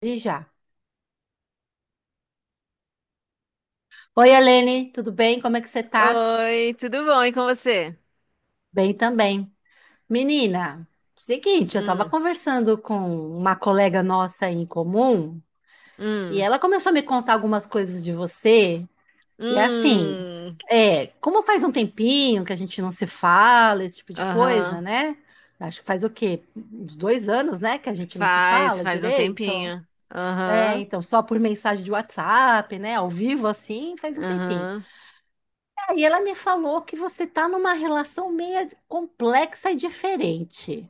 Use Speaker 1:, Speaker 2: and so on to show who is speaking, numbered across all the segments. Speaker 1: E já. Oi, Helene, tudo bem? Como é que você tá?
Speaker 2: Oi, tudo bom? E com você?
Speaker 1: Bem também. Menina, seguinte, eu tava
Speaker 2: Hum,
Speaker 1: conversando com uma colega nossa em comum e
Speaker 2: hum,
Speaker 1: ela começou a me contar algumas coisas de você. E assim,
Speaker 2: hum.
Speaker 1: é, como faz um tempinho que a gente não se fala, esse tipo de coisa,
Speaker 2: Aham.
Speaker 1: né? Acho que faz o quê? Uns 2 anos, né, que a gente não se
Speaker 2: Faz,
Speaker 1: fala
Speaker 2: faz um
Speaker 1: direito.
Speaker 2: tempinho.
Speaker 1: É,
Speaker 2: Aham,
Speaker 1: então, só por mensagem de WhatsApp, né, ao vivo assim, faz um tempinho.
Speaker 2: aham.
Speaker 1: Aí ela me falou que você está numa relação meio complexa e diferente.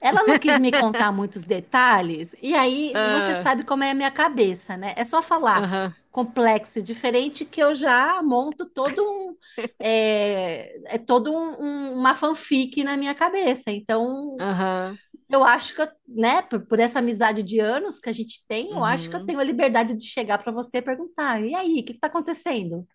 Speaker 1: Ela não quis me contar muitos detalhes, e aí você
Speaker 2: Ah,
Speaker 1: sabe como é a minha cabeça, né? É só falar
Speaker 2: aham,
Speaker 1: complexo e diferente que eu já monto todo um, é todo uma fanfic na minha cabeça. Então,
Speaker 2: aham.
Speaker 1: eu acho que, eu, né, por essa amizade de anos que a gente tem, eu acho que eu
Speaker 2: Uhum.
Speaker 1: tenho a liberdade de chegar para você e perguntar: e aí, o que está acontecendo?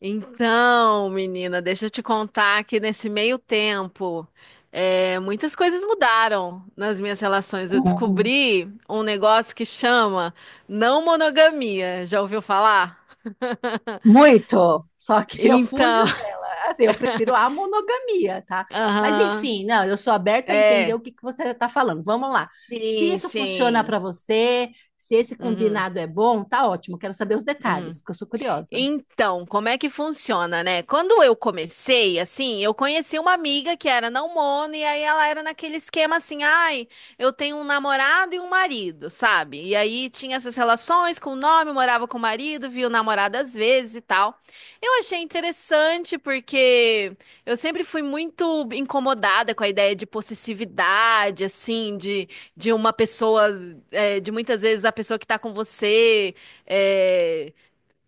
Speaker 2: Então, menina, deixa eu te contar que nesse meio tempo, muitas coisas mudaram nas minhas relações. Eu descobri um negócio que chama não monogamia. Já ouviu falar?
Speaker 1: Muito, só que eu fujo
Speaker 2: Então.
Speaker 1: dela. Assim, eu prefiro a monogamia, tá? Mas
Speaker 2: Aham.
Speaker 1: enfim, não, eu sou aberta a entender
Speaker 2: É.
Speaker 1: o que que você está falando. Vamos lá. Se
Speaker 2: Sim,
Speaker 1: isso funciona para
Speaker 2: sim.
Speaker 1: você, se esse
Speaker 2: Uhum,
Speaker 1: combinado é bom, tá ótimo. Quero saber os detalhes,
Speaker 2: uhum.
Speaker 1: porque eu sou curiosa.
Speaker 2: Então, como é que funciona, né? Quando eu comecei, assim, eu conheci uma amiga que era mono e aí ela era naquele esquema assim, ai, eu tenho um namorado e um marido, sabe? E aí tinha essas relações com o nome, morava com o marido, via o namorado às vezes e tal. Eu achei interessante porque eu sempre fui muito incomodada com a ideia de possessividade, assim, de, uma pessoa, de muitas vezes a pessoa que tá com você. É,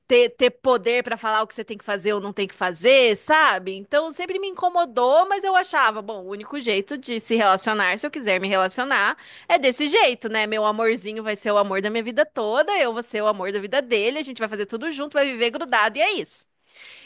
Speaker 2: ter poder para falar o que você tem que fazer ou não tem que fazer, sabe? Então sempre me incomodou, mas eu achava, bom, o único jeito de se relacionar, se eu quiser me relacionar, é desse jeito, né? Meu amorzinho vai ser o amor da minha vida toda, eu vou ser o amor da vida dele, a gente vai fazer tudo junto, vai viver grudado e é isso.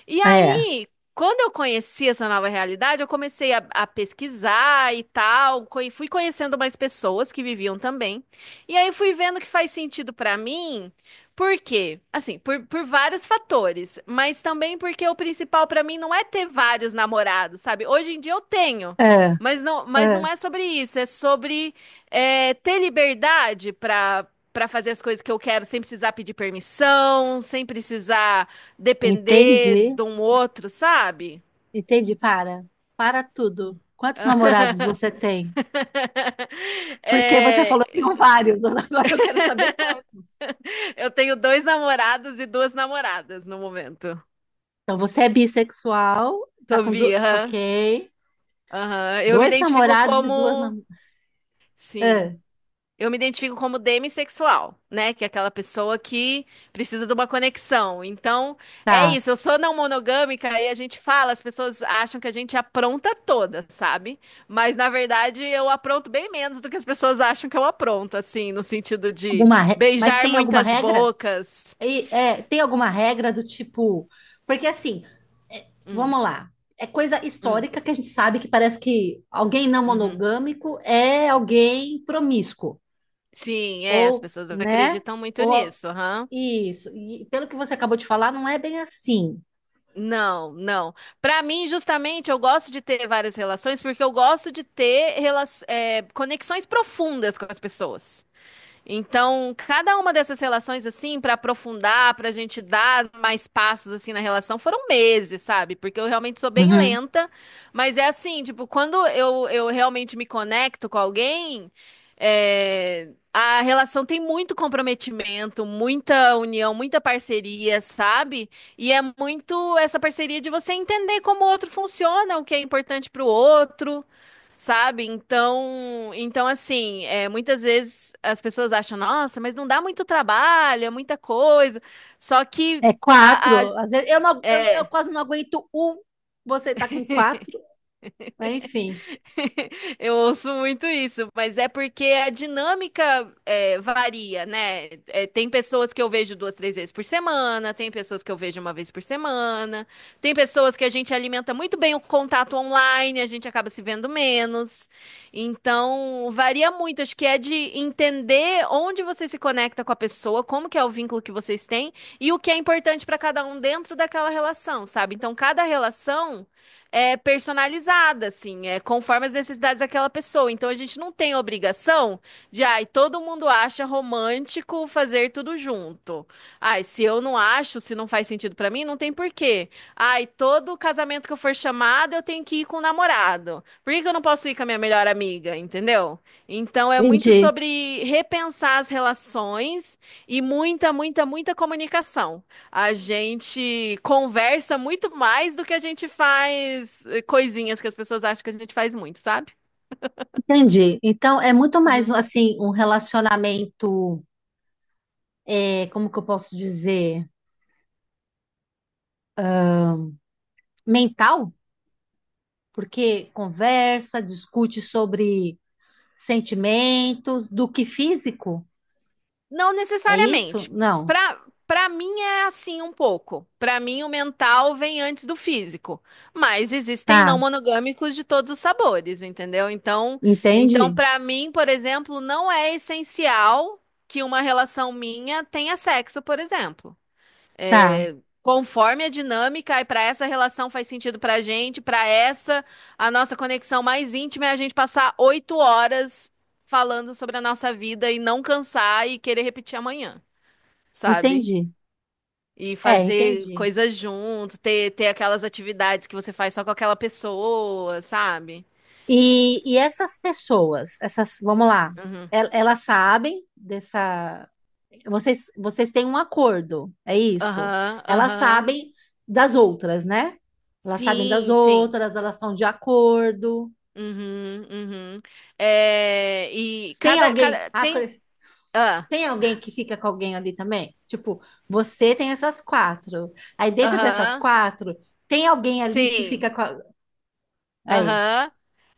Speaker 2: E
Speaker 1: É,
Speaker 2: aí, quando eu conheci essa nova realidade, eu comecei a pesquisar e tal, e fui conhecendo mais pessoas que viviam também. E aí fui vendo que faz sentido pra mim, por quê? Assim, por vários fatores, mas também porque o principal pra mim não é ter vários namorados, sabe? Hoje em dia eu tenho,
Speaker 1: é,
Speaker 2: mas não
Speaker 1: é.
Speaker 2: é sobre isso, é sobre ter liberdade pra para fazer as coisas que eu quero sem precisar pedir permissão, sem precisar depender
Speaker 1: Entendi,
Speaker 2: de um outro, sabe?
Speaker 1: entendi. Para, para tudo. Quantos namorados você tem? Porque você
Speaker 2: É,
Speaker 1: falou que tem vários, agora eu quero saber quantos.
Speaker 2: eu tenho dois namorados e duas namoradas no momento.
Speaker 1: Então você é bissexual, tá
Speaker 2: Sou
Speaker 1: com
Speaker 2: bi, aham.
Speaker 1: Ok.
Speaker 2: Aham. Eu me
Speaker 1: Dois
Speaker 2: identifico
Speaker 1: namorados e duas
Speaker 2: como.
Speaker 1: namoradas.
Speaker 2: Sim. Eu me identifico como demissexual, né? Que é aquela pessoa que precisa de uma conexão. Então, é
Speaker 1: Tá.
Speaker 2: isso. Eu sou não monogâmica e a gente fala, as pessoas acham que a gente apronta toda, sabe? Mas, na verdade, eu apronto bem menos do que as pessoas acham que eu apronto, assim, no sentido de
Speaker 1: Mas
Speaker 2: beijar
Speaker 1: tem alguma
Speaker 2: muitas
Speaker 1: regra?
Speaker 2: bocas.
Speaker 1: Tem alguma regra do tipo. Porque assim, é,
Speaker 2: Hum,
Speaker 1: vamos lá. É coisa
Speaker 2: hum,
Speaker 1: histórica que a gente sabe que parece que alguém não
Speaker 2: uhum.
Speaker 1: monogâmico é alguém promíscuo.
Speaker 2: Sim, as
Speaker 1: Ou,
Speaker 2: pessoas
Speaker 1: né?
Speaker 2: acreditam muito
Speaker 1: Ou
Speaker 2: nisso, aham.
Speaker 1: isso. E pelo que você acabou de falar, não é bem assim.
Speaker 2: Não, não. Para mim, justamente, eu gosto de ter várias relações porque eu gosto de ter conexões profundas com as pessoas. Então, cada uma dessas relações, assim, para aprofundar, para a gente dar mais passos, assim, na relação, foram meses, sabe? Porque eu realmente sou bem
Speaker 1: Uhum.
Speaker 2: lenta, mas é assim, tipo, quando eu realmente me conecto com alguém, a relação tem muito comprometimento, muita união, muita parceria, sabe? E é muito essa parceria de você entender como o outro funciona, o que é importante para o outro. Sabe? Então assim, muitas vezes as pessoas acham, nossa, mas não dá muito trabalho, é muita coisa. Só que
Speaker 1: É quatro.
Speaker 2: a, a-
Speaker 1: Às vezes eu, não, eu
Speaker 2: é,
Speaker 1: quase não aguento um. Você tá com quatro. Mas enfim.
Speaker 2: Eu ouço muito isso, mas é porque a dinâmica varia, né? Tem pessoas que eu vejo duas, três vezes por semana, tem pessoas que eu vejo uma vez por semana, tem pessoas que a gente alimenta muito bem o contato online, a gente acaba se vendo menos. Então, varia muito. Acho que é de entender onde você se conecta com a pessoa, como que é o vínculo que vocês têm e o que é importante para cada um dentro daquela relação, sabe? Então, cada relação é personalizada, assim, é conforme as necessidades daquela pessoa. Então a gente não tem obrigação de, ai, todo mundo acha romântico fazer tudo junto. Ai, se eu não acho, se não faz sentido pra mim, não tem porquê. Ai, todo casamento que eu for chamada, eu tenho que ir com o namorado. Por que que eu não posso ir com a minha melhor amiga, entendeu? Então é muito
Speaker 1: Entendi,
Speaker 2: sobre repensar as relações e muita, muita, muita comunicação. A gente conversa muito mais do que a gente faz coisinhas que as pessoas acham que a gente faz muito, sabe?
Speaker 1: entendi. Então é muito mais
Speaker 2: Uhum.
Speaker 1: assim um relacionamento, é, como que eu posso dizer, mental, porque conversa, discute sobre sentimentos, do que físico.
Speaker 2: Não
Speaker 1: É isso?
Speaker 2: necessariamente.
Speaker 1: Não.
Speaker 2: Pra, pra mim é assim um pouco. Pra mim o mental vem antes do físico. Mas existem não
Speaker 1: Tá,
Speaker 2: monogâmicos de todos os sabores, entendeu? Então
Speaker 1: entendi.
Speaker 2: para mim, por exemplo, não é essencial que uma relação minha tenha sexo, por exemplo.
Speaker 1: Tá,
Speaker 2: é, Conforme a dinâmica, e para essa relação faz sentido para a gente, a nossa conexão mais íntima é a gente passar 8 horas falando sobre a nossa vida e não cansar e querer repetir amanhã, sabe?
Speaker 1: entendi.
Speaker 2: E
Speaker 1: É,
Speaker 2: fazer
Speaker 1: entendi.
Speaker 2: coisas junto, ter aquelas atividades que você faz só com aquela pessoa, sabe?
Speaker 1: E, essas pessoas, essas, vamos lá,
Speaker 2: Uhum.
Speaker 1: elas sabem dessa. Vocês têm um acordo, é isso.
Speaker 2: Aham,
Speaker 1: Elas
Speaker 2: aham.
Speaker 1: sabem das outras, né? Elas sabem das
Speaker 2: Sim, sim.
Speaker 1: outras, elas estão de acordo.
Speaker 2: Uhum, uhum. E
Speaker 1: Tem
Speaker 2: cada,
Speaker 1: alguém,
Speaker 2: cada,
Speaker 1: ah,
Speaker 2: tem,
Speaker 1: cre-
Speaker 2: ah,
Speaker 1: tem alguém que fica com alguém ali também? Tipo, você tem essas quatro. Aí dentro dessas
Speaker 2: aham.
Speaker 1: quatro, tem alguém ali que
Speaker 2: Sim.
Speaker 1: Aí.
Speaker 2: Aham.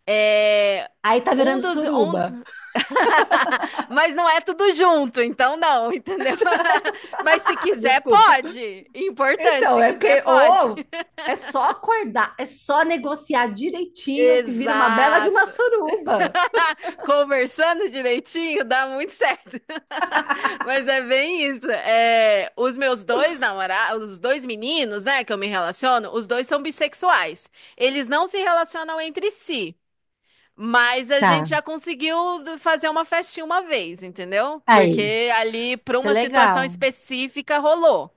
Speaker 2: É
Speaker 1: Aí tá
Speaker 2: um
Speaker 1: virando
Speaker 2: dos um
Speaker 1: suruba.
Speaker 2: Mas não é tudo junto, então não, entendeu? Mas se quiser,
Speaker 1: Desculpa.
Speaker 2: pode. Importante,
Speaker 1: Então,
Speaker 2: se
Speaker 1: é
Speaker 2: quiser,
Speaker 1: porque
Speaker 2: pode.
Speaker 1: ou é só acordar, é só negociar direitinho que vira uma bela de uma
Speaker 2: Exato.
Speaker 1: suruba.
Speaker 2: Conversando direitinho, dá muito certo. Mas é bem isso. Os meus dois namorados, os dois meninos, né, que eu me relaciono, os dois são bissexuais. Eles não se relacionam entre si. Mas a gente
Speaker 1: Tá,
Speaker 2: já conseguiu fazer uma festinha uma vez, entendeu?
Speaker 1: aí.
Speaker 2: Porque ali, para
Speaker 1: Isso é
Speaker 2: uma situação
Speaker 1: legal.
Speaker 2: específica, rolou.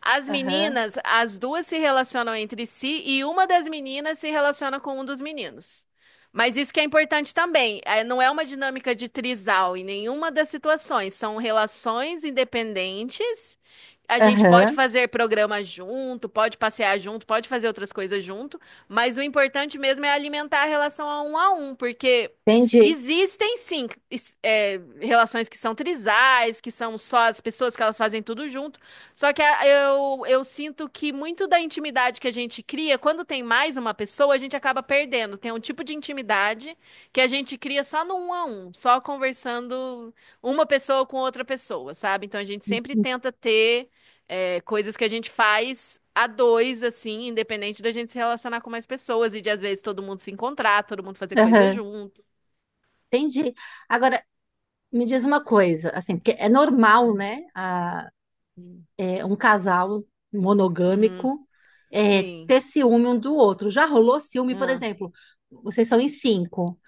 Speaker 2: As
Speaker 1: Aham,
Speaker 2: meninas, as duas se relacionam entre si e uma das meninas se relaciona com um dos meninos. Mas isso que é importante também, não é uma dinâmica de trisal em nenhuma das situações, são relações independentes. A gente pode
Speaker 1: aham,
Speaker 2: fazer programa junto, pode passear junto, pode fazer outras coisas junto, mas o importante mesmo é alimentar a relação a um, porque
Speaker 1: entendi.
Speaker 2: existem sim relações que são trisais, que são só as pessoas que elas fazem tudo junto. Só que eu sinto que muito da intimidade que a gente cria, quando tem mais uma pessoa, a gente acaba perdendo. Tem um tipo de intimidade que a gente cria só no um a um, só conversando uma pessoa com outra pessoa, sabe? Então a gente sempre tenta ter coisas que a gente faz a dois, assim, independente da gente se relacionar com mais pessoas e de às vezes todo mundo se encontrar, todo mundo fazer coisa
Speaker 1: Aham,
Speaker 2: junto.
Speaker 1: entendi. Agora, me diz uma coisa, assim, porque é normal, né,
Speaker 2: Uhum.
Speaker 1: é, um casal
Speaker 2: Uhum.
Speaker 1: monogâmico é,
Speaker 2: Sim.
Speaker 1: ter ciúme um do outro. Já rolou ciúme, por
Speaker 2: Aham.
Speaker 1: exemplo, vocês são em cinco.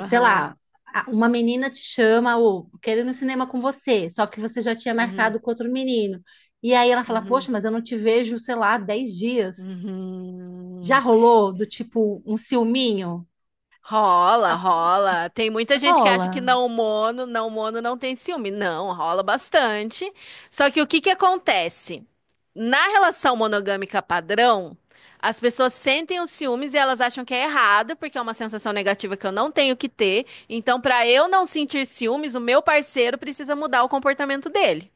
Speaker 1: Sei lá, uma menina te chama ou quer ir no cinema com você, só que você já tinha
Speaker 2: Uhum.
Speaker 1: marcado com outro menino. E aí ela fala,
Speaker 2: Uhum.
Speaker 1: poxa, mas eu não te vejo, sei lá, 10 dias.
Speaker 2: Uhum.
Speaker 1: Já
Speaker 2: Uhum.
Speaker 1: rolou do tipo um ciúminho?
Speaker 2: Rola,
Speaker 1: Ah,
Speaker 2: rola. Tem muita gente que acha que
Speaker 1: rola.
Speaker 2: não mono, não mono não tem ciúme. Não, rola bastante. Só que o que que acontece? Na relação monogâmica padrão, as pessoas sentem os ciúmes e elas acham que é errado, porque é uma sensação negativa que eu não tenho que ter. Então, para eu não sentir ciúmes, o meu parceiro precisa mudar o comportamento dele.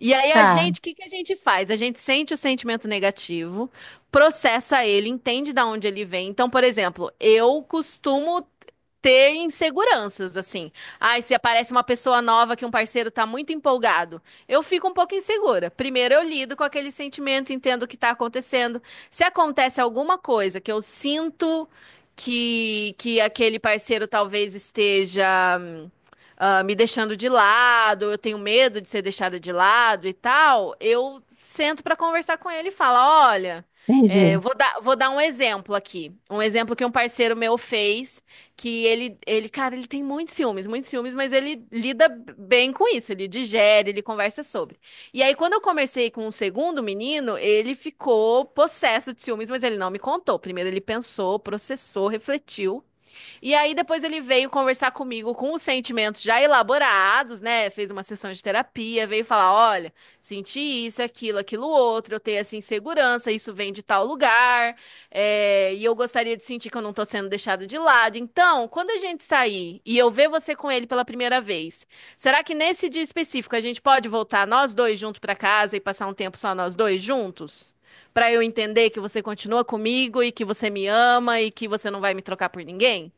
Speaker 2: E aí
Speaker 1: Tá,
Speaker 2: o que que a gente faz? A gente sente o sentimento negativo, processa ele, entende de onde ele vem. Então, por exemplo, eu costumo ter inseguranças, assim. Ai, se aparece uma pessoa nova que um parceiro tá muito empolgado, eu fico um pouco insegura. Primeiro eu lido com aquele sentimento, entendo o que tá acontecendo. Se acontece alguma coisa que eu sinto que aquele parceiro talvez esteja me deixando de lado, eu tenho medo de ser deixada de lado e tal, eu sento para conversar com ele e falo, olha,
Speaker 1: entendi,
Speaker 2: eu vou dar um exemplo aqui, um exemplo que um parceiro meu fez, que cara, ele tem muitos ciúmes, mas ele lida bem com isso, ele digere, ele conversa sobre. E aí, quando eu comecei com o segundo menino, ele ficou possesso de ciúmes, mas ele não me contou. Primeiro ele pensou, processou, refletiu, e aí depois ele veio conversar comigo com os sentimentos já elaborados, né? Fez uma sessão de terapia, veio falar, olha, senti isso, aquilo, aquilo outro, eu tenho essa insegurança, isso vem de tal lugar, e eu gostaria de sentir que eu não tô sendo deixado de lado. Então, quando a gente sair e eu ver você com ele pela primeira vez, será que nesse dia específico a gente pode voltar nós dois juntos pra casa e passar um tempo só nós dois juntos? Pra eu entender que você continua comigo e que você me ama e que você não vai me trocar por ninguém?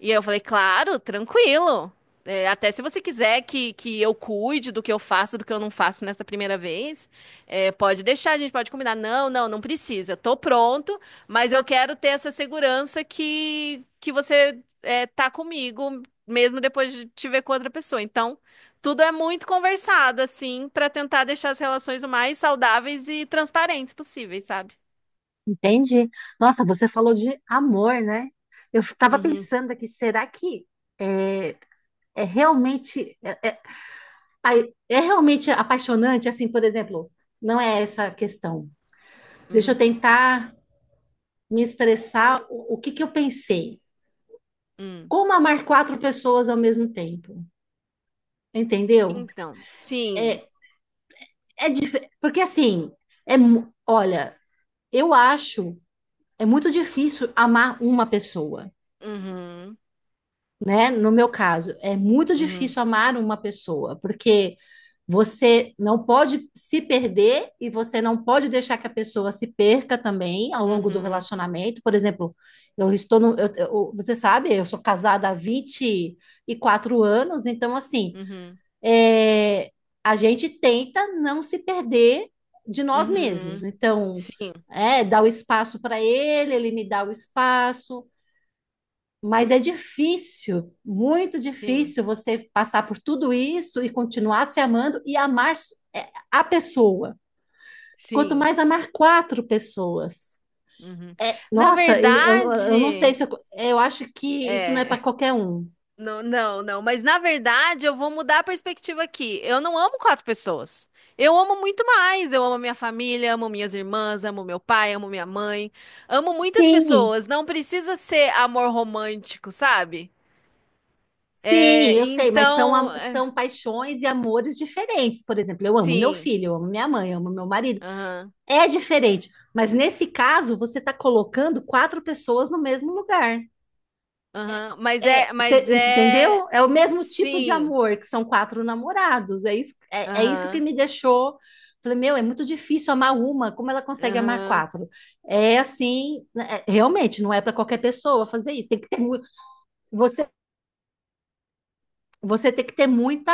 Speaker 2: E eu falei, claro, tranquilo. Até se você quiser que eu cuide do que eu faço, do que eu não faço nessa primeira vez, pode deixar, a gente pode combinar. Não, não, não precisa. Tô pronto, mas eu quero ter essa segurança que você tá comigo, mesmo depois de te ver com outra pessoa. Então, tudo é muito conversado, assim, pra tentar deixar as relações o mais saudáveis e transparentes possíveis, sabe?
Speaker 1: entendi. Nossa, você falou de amor, né? Eu estava
Speaker 2: Uhum,
Speaker 1: pensando aqui, será que é, é realmente ai, é realmente apaixonante? Assim, por exemplo, não é essa a questão. Deixa eu
Speaker 2: uhum,
Speaker 1: tentar me expressar o que que eu pensei.
Speaker 2: uhum.
Speaker 1: Como amar quatro pessoas ao mesmo tempo? Entendeu?
Speaker 2: Então, sim.
Speaker 1: É, porque assim, olha, eu acho é muito difícil amar uma pessoa.
Speaker 2: Uhum,
Speaker 1: Né? No meu caso, é muito
Speaker 2: uhum.
Speaker 1: difícil amar uma pessoa, porque você não pode se perder e você não pode deixar que a pessoa se perca também ao longo do
Speaker 2: Uhum,
Speaker 1: relacionamento. Por exemplo, eu estou no, você sabe, eu sou casada há 24 anos, então assim,
Speaker 2: uhum,
Speaker 1: é, a gente tenta não se perder de nós mesmos.
Speaker 2: uhum.
Speaker 1: Então,
Speaker 2: Sim,
Speaker 1: é, dá o espaço para ele, ele me dá o espaço. Mas é difícil, muito
Speaker 2: sim,
Speaker 1: difícil você passar por tudo isso e continuar se amando e a pessoa. Quanto
Speaker 2: sim.
Speaker 1: mais amar quatro pessoas.
Speaker 2: Uhum. Na
Speaker 1: Nossa, eu não sei
Speaker 2: verdade,
Speaker 1: se eu, eu acho que isso não é
Speaker 2: é.
Speaker 1: para qualquer um.
Speaker 2: Não, não, não. Mas na verdade, eu vou mudar a perspectiva aqui. Eu não amo quatro pessoas. Eu amo muito mais. Eu amo minha família, amo minhas irmãs, amo meu pai, amo minha mãe. Amo muitas
Speaker 1: Sim,
Speaker 2: pessoas. Não precisa ser amor romântico, sabe?
Speaker 1: sim,
Speaker 2: É,
Speaker 1: eu sei, mas são,
Speaker 2: então, é,
Speaker 1: são paixões e amores diferentes. Por exemplo, eu amo meu
Speaker 2: sim.
Speaker 1: filho, eu amo minha mãe, eu amo meu marido.
Speaker 2: Aham,
Speaker 1: É diferente, mas nesse caso você está colocando quatro pessoas no mesmo lugar.
Speaker 2: aham. Mas é, mas é.
Speaker 1: Entendeu? É o mesmo tipo de
Speaker 2: Sim.
Speaker 1: amor, que são quatro namorados. É isso, é isso que
Speaker 2: Aham,
Speaker 1: me deixou. Falei, meu, é muito difícil amar uma, como ela consegue amar
Speaker 2: aham,
Speaker 1: quatro? É assim, né, realmente, não é para qualquer pessoa fazer isso. Tem que ter, mu- você, você tem que ter muita,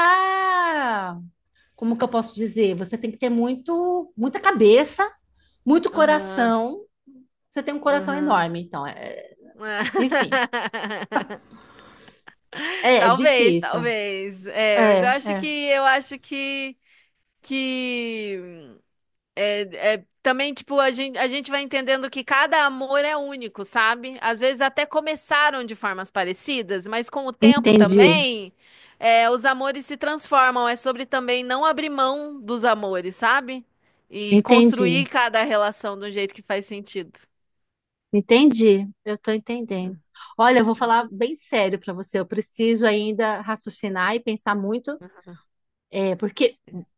Speaker 1: como que eu posso dizer? Você tem que ter muito, muita cabeça, muito
Speaker 2: aham,
Speaker 1: coração. Você tem um coração
Speaker 2: aham.
Speaker 1: enorme, então, enfim, é,
Speaker 2: Talvez,
Speaker 1: difícil.
Speaker 2: talvez. Mas
Speaker 1: É,
Speaker 2: eu acho que
Speaker 1: é.
Speaker 2: eu acho que que é, também tipo a gente vai entendendo que cada amor é único, sabe? Às vezes até começaram de formas parecidas, mas com o tempo
Speaker 1: Entendi,
Speaker 2: também os amores se transformam. É sobre também não abrir mão dos amores, sabe? E
Speaker 1: entendi.
Speaker 2: construir cada relação de um jeito que faz sentido.
Speaker 1: Entendi, eu estou entendendo. Olha, eu vou falar bem sério para você. Eu preciso ainda raciocinar e pensar muito,
Speaker 2: Uhum.
Speaker 1: é, porque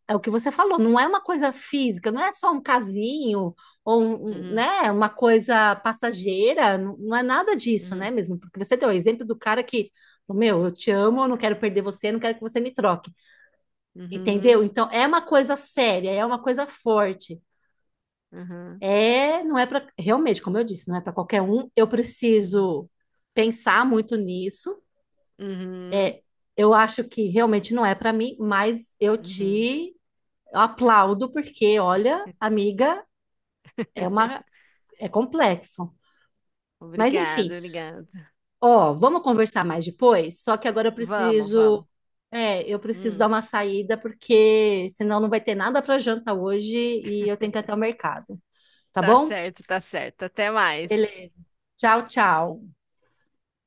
Speaker 1: é o que você falou, não é uma coisa física, não é só um casinho ou
Speaker 2: Uhum,
Speaker 1: né, uma coisa passageira, não, não é nada disso, né,
Speaker 2: uhum,
Speaker 1: mesmo? Porque você deu o exemplo do cara que, meu, eu te amo, eu não quero perder você, eu não quero que você me troque, entendeu?
Speaker 2: uhum,
Speaker 1: Então é uma coisa séria, é uma coisa forte.
Speaker 2: uhum,
Speaker 1: É, não é para realmente, como eu disse, não é para qualquer um. Eu
Speaker 2: uhum,
Speaker 1: preciso pensar muito nisso.
Speaker 2: uhum,
Speaker 1: É, eu acho que realmente não é para mim, mas eu
Speaker 2: uhum.
Speaker 1: te aplaudo porque, olha, amiga, é uma é complexo. Mas
Speaker 2: Obrigado,
Speaker 1: enfim,
Speaker 2: obrigado.
Speaker 1: ó, vamos conversar mais
Speaker 2: Hum.
Speaker 1: depois. Só que agora eu
Speaker 2: Vamos,
Speaker 1: preciso,
Speaker 2: vamos.
Speaker 1: é, eu preciso dar
Speaker 2: Hum,
Speaker 1: uma saída porque senão não vai ter nada para janta hoje e eu tenho que ir até o mercado, tá
Speaker 2: tá
Speaker 1: bom?
Speaker 2: certo, tá certo. Até mais.
Speaker 1: Beleza. Tchau, tchau.